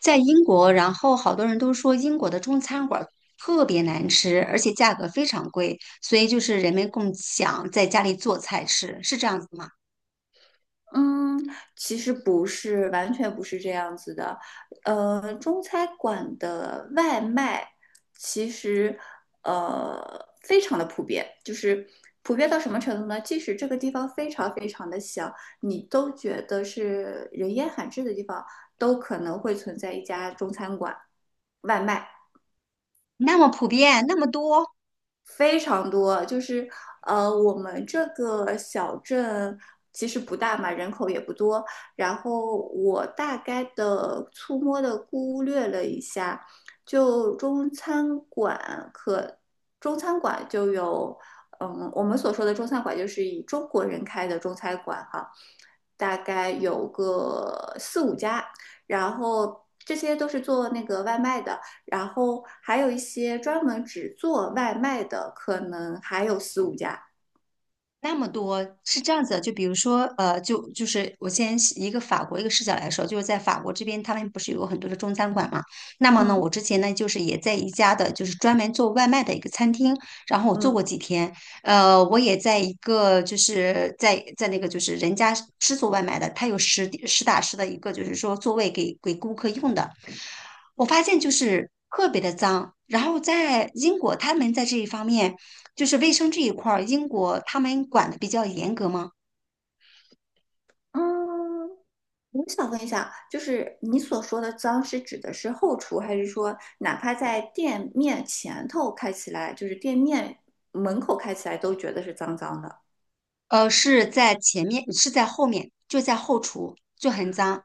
在英国，然后好多人都说英国的中餐馆儿特别难吃，而且价格非常贵，所以就是人们更想在家里做菜吃，是这样子吗？嗯，其实不是，完全不是这样子的。中餐馆的外卖其实非常的普遍，就是普遍到什么程度呢？即使这个地方非常非常的小，你都觉得是人烟罕至的地方，都可能会存在一家中餐馆外卖。那么普遍，那么多。非常多，就是我们这个小镇其实不大嘛，人口也不多。然后我大概的粗摸的估略了一下，就中餐馆可中餐馆就有，我们所说的中餐馆就是以中国人开的中餐馆哈，大概有个四五家，然后这些都是做那个外卖的。然后还有一些专门只做外卖的，可能还有四五家。那么多是这样子的就比如说，就是我先是一个法国一个视角来说，就是在法国这边，他们不是有很多的中餐馆嘛？那么呢，嗯我之前呢就是也在一家的，就是专门做外卖的一个餐厅，然后我做嗯过几天，我也在一个就是在那个就是人家是做外卖的，他有实地实打实的一个就是说座位给顾客用的，我发现就是特别的脏。然后在英国，他们在这一方面，就是卫生这一块儿，英国他们管的比较严格吗？嗯，我想问一下，就是你所说的脏是指的是后厨，还是说哪怕在店面前头开起来，就是店面门口开起来都觉得是脏脏的？呃，是在前面，是在后面，就在后厨就很脏，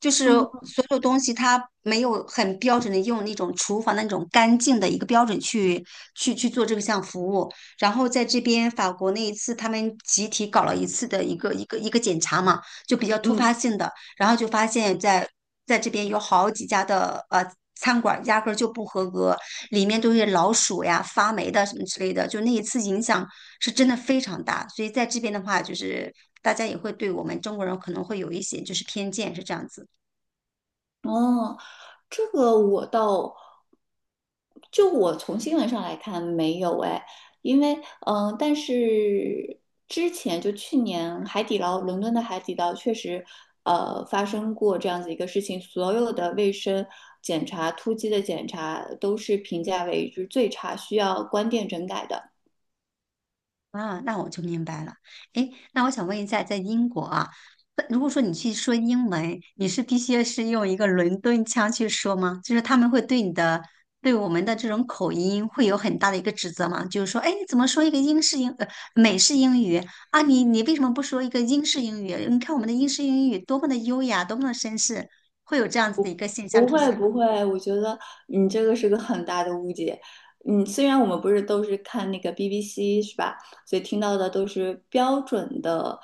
就是嗯所有东西它没有很标准的用那种厨房的那种干净的一个标准去做这项服务。然后在这边法国那一次，他们集体搞了一次的一个检查嘛，就比较突发嗯。性的。然后就发现在这边有好几家的餐馆压根儿就不合格，里面都是老鼠呀、发霉的什么之类的，就那一次影响是真的非常大。所以在这边的话，就是大家也会对我们中国人可能会有一些就是偏见，是这样子。哦，这个我倒，就我从新闻上来看没有哎，因为但是之前就去年海底捞，伦敦的海底捞确实发生过这样子一个事情，所有的卫生检查、突击的检查都是评价为就是最差，需要关店整改的。啊，那我就明白了。诶，那我想问一下，在英国啊，那如果说你去说英文，你是必须是用一个伦敦腔去说吗？就是他们会对你的，对我们的这种口音会有很大的一个指责吗？就是说，诶，你怎么说一个英式英，美式英语啊？你你为什么不说一个英式英语？你看我们的英式英语多么的优雅，多么的绅士，会有这样子的一个现象不出会现吗？不会，我觉得你这个是个很大的误解。虽然我们不是都是看那个 BBC 是吧？所以听到的都是标准的，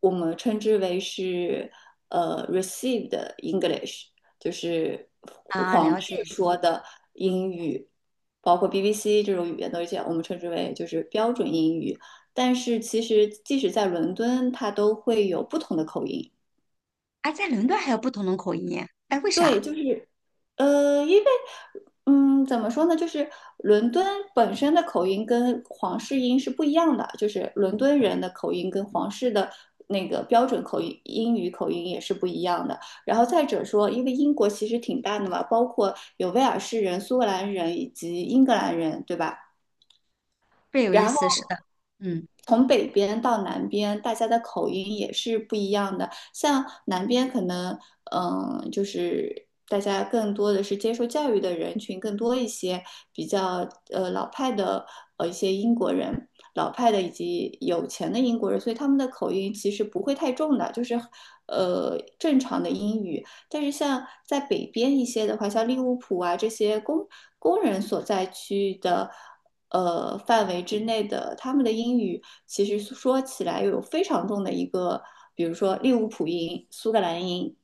我们称之为是received English，就是啊，皇了室解。说的英语，包括 BBC 这种语言都是这样，我们称之为就是标准英语。但是其实即使在伦敦，它都会有不同的口音。哎，在伦敦还有不同的口音，哎，为对，啥？因为，怎么说呢，就是伦敦本身的口音跟皇室音是不一样的，就是伦敦人的口音跟皇室的那个标准口音英语口音也是不一样的。然后再者说，因为英国其实挺大的嘛，包括有威尔士人、苏格兰人以及英格兰人，对吧？这有意然思，后。是的，嗯。从北边到南边，大家的口音也是不一样的。像南边可能，就是大家更多的是接受教育的人群更多一些，比较老派的一些英国人，老派的以及有钱的英国人，所以他们的口音其实不会太重的，就是正常的英语。但是像在北边一些的话，像利物浦啊这些工人所在区的。范围之内的，他们的英语其实说起来有非常重的一个，比如说利物浦音、苏格兰音，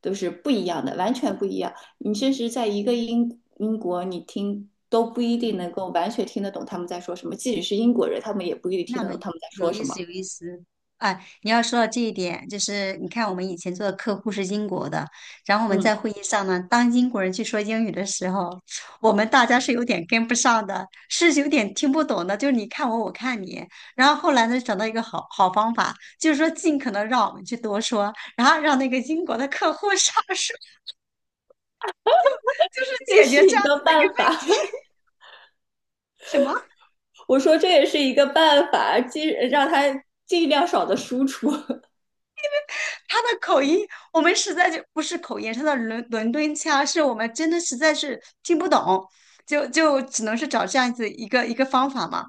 都是不一样的，完全不一样。你甚至在一个英国，你听都不一定能够完全听得懂他们在说什么，即使是英国人，他们也不一定听那得么懂他们在有说意什思，么。有意思。哎，你要说到这一点，就是你看我们以前做的客户是英国的，然后我们嗯，在会议上呢，当英国人去说英语的时候，我们大家是有点跟不上的，是有点听不懂的，就是你看我，我看你。然后后来呢，找到一个好好方法，就是说尽可能让我们去多说，然后让那个英国的客户少 说，就是这解决是这一样个子的一个办问法，什么？我说这也是一个办法，尽让他尽量少的输出。他的口音，我们实在就不是口音，他的伦敦腔是我们真的实在是听不懂，就只能是找这样子一个方法嘛。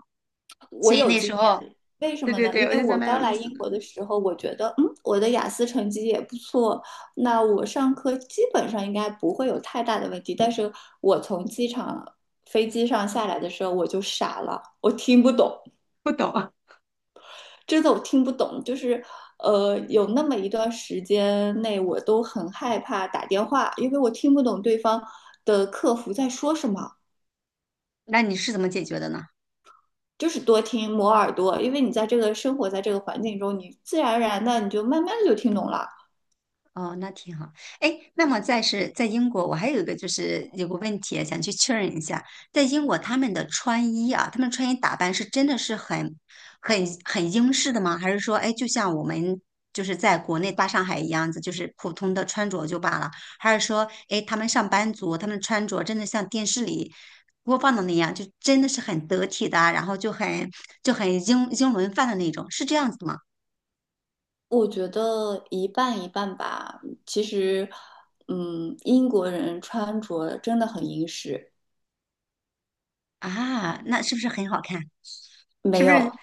我所以有那经时候，验，为什对么对呢？对，因我为就觉得我蛮刚有意来思英的，国的时候，我觉得，我的雅思成绩也不错，那我上课基本上应该不会有太大的问题。但是我从机场飞机上下来的时候，我就傻了，我听不懂，不懂。真的我听不懂，有那么一段时间内，我都很害怕打电话，因为我听不懂对方的客服在说什么。那你是怎么解决的呢？就是多听磨耳朵，因为你在这个生活在这个环境中，你自然而然的你就慢慢的就听懂了。哦，那挺好。哎，那么再是在英国，我还有一个就是有个问题啊想去确认一下，在英国他们的穿衣啊，他们穿衣打扮是真的是很英式的吗？还是说，哎，就像我们就是在国内大上海一样子，就是普通的穿着就罢了？还是说，哎，他们上班族他们穿着真的像电视里播放的那样，就真的是很得体的啊然后就很英英伦范的那种，是这样子的吗？我觉得一半一半吧。其实，英国人穿着真的很英式，啊，那是不是很好看？是没不是有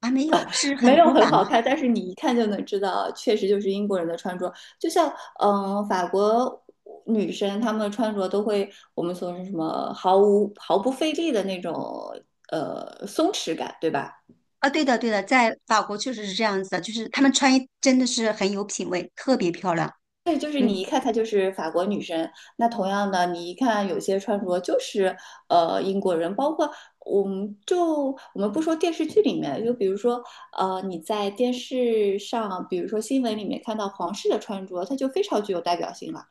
啊，没有，是没很有古很板好吗？看，但是你一看就能知道，确实就是英国人的穿着。就像法国女生她们穿着都会我们说是什么毫不费力的那种松弛感，对吧？啊，对的，对的，在法国确实是这样子的，就是他们穿衣真的是很有品味，特别漂亮。对，就是嗯。你一看她就是法国女生，那同样的，你一看有些穿着就是英国人，包括我们就我们不说电视剧里面，就比如说你在电视上，比如说新闻里面看到皇室的穿着，它就非常具有代表性了。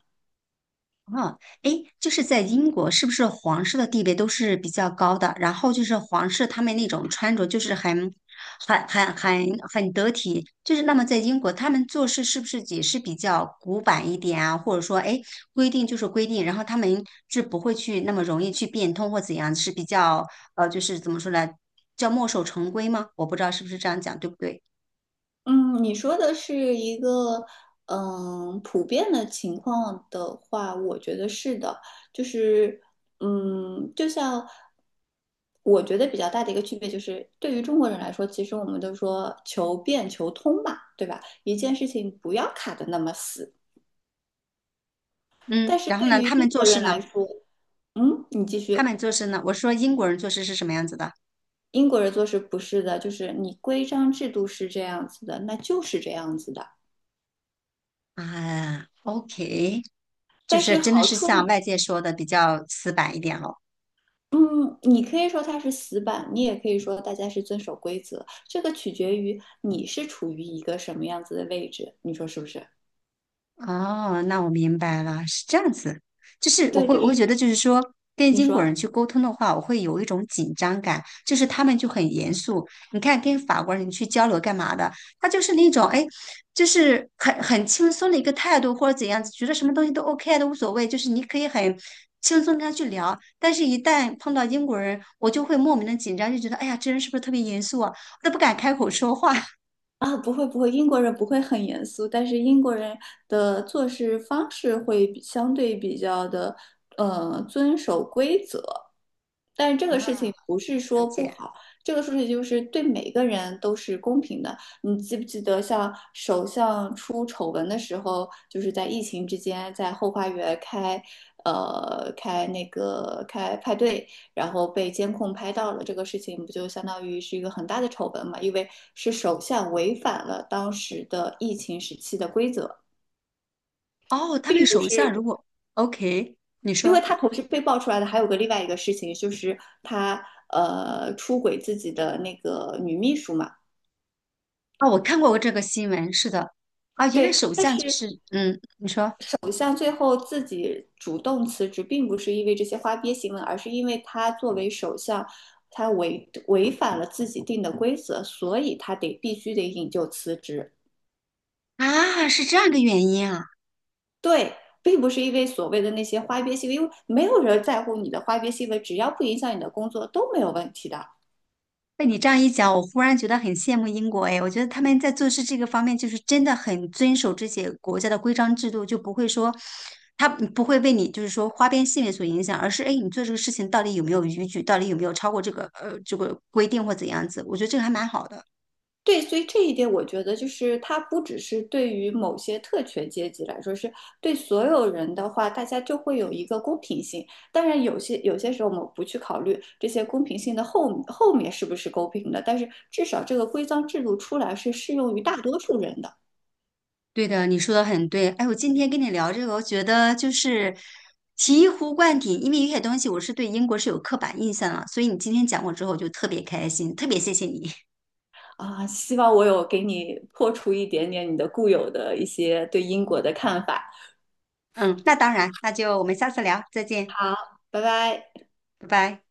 嗯，诶，就是在英国，是不是皇室的地位都是比较高的？然后就是皇室他们那种穿着，就是很得体。就是那么在英国，他们做事是不是也是比较古板一点啊？或者说，诶，规定就是规定，然后他们是不会去那么容易去变通或怎样，是比较就是怎么说呢，叫墨守成规吗？我不知道是不是这样讲，对不对？嗯，你说的是一个普遍的情况的话，我觉得是的，就是就像我觉得比较大的一个区别就是，对于中国人来说，其实我们都说求变求通嘛，对吧？一件事情不要卡得那么死。但嗯，是然后对呢，于他英们做国事人呢，来说，你继他续，们做事呢，我说英国人做事是什么样子的？英国人做事不是的，就是你规章制度是这样子的，那就是这样子的。啊，OK，就但是是真的好是处像呢外界说的比较死板一点哦。嗯，你可以说它是死板，你也可以说大家是遵守规则，这个取决于你是处于一个什么样子的位置，你说是不是？哦，那我明白了，是这样子，就是对，就我会是觉得，就是说跟你英国说。人去沟通的话，我会有一种紧张感，就是他们就很严肃。你看，跟法国人去交流干嘛的，他就是那种哎，就是很轻松的一个态度或者怎样子，觉得什么东西都 OK 啊都无所谓，就是你可以很轻松跟他去聊。但是，一旦碰到英国人，我就会莫名的紧张，就觉得哎呀，这人是不是特别严肃啊？我都不敢开口说话。啊，不会不会，英国人不会很严肃，但是英国人的做事方式会比相对比较的，遵守规则。但是这个事啊，情不是了说不解。好，这个事情就是对每个人都是公平的。你记不记得，像首相出丑闻的时候，就是在疫情之间，在后花园开，呃，开那个开派对，然后被监控拍到了，这个事情不就相当于是一个很大的丑闻嘛？因为是首相违反了当时的疫情时期的规则，哦，他们并不首相是，如果 OK，你因为说他同时被爆出来的还有个另外一个事情，就是他出轨自己的那个女秘书嘛。啊，我看过这个新闻，是的，啊，原来对，首但相就是是嗯，你说首相最后自己主动辞职，并不是因为这些花边新闻，而是因为他作为首相，他违反了自己定的规则，所以他得必须得引咎辞职。啊，是这样个原因啊。对，并不是因为所谓的那些花边新闻，因为没有人在乎你的花边新闻，只要不影响你的工作都没有问题的。被你这样一讲，我忽然觉得很羡慕英国哎，我觉得他们在做事这个方面就是真的很遵守这些国家的规章制度，就不会说他不会被你就是说花边新闻所影响，而是哎，你做这个事情到底有没有逾矩，到底有没有超过这个这个规定或怎样子，我觉得这个还蛮好的。对，所以这一点我觉得就是它不只是对于某些特权阶级来说，是对所有人的话，大家就会有一个公平性。当然，有些时候我们不去考虑这些公平性的后面是不是公平的，但是至少这个规章制度出来是适用于大多数人的对的，你说的很对。哎，我今天跟你聊这个，我觉得就是醍醐灌顶，因为有些东西我是对英国是有刻板印象了，所以你今天讲过之后，我就特别开心，特别谢谢你。啊。希望我有给你破除一点点你的固有的一些对英国的看法。嗯，那当然，那就我们下次聊，再见，好，拜拜。拜拜。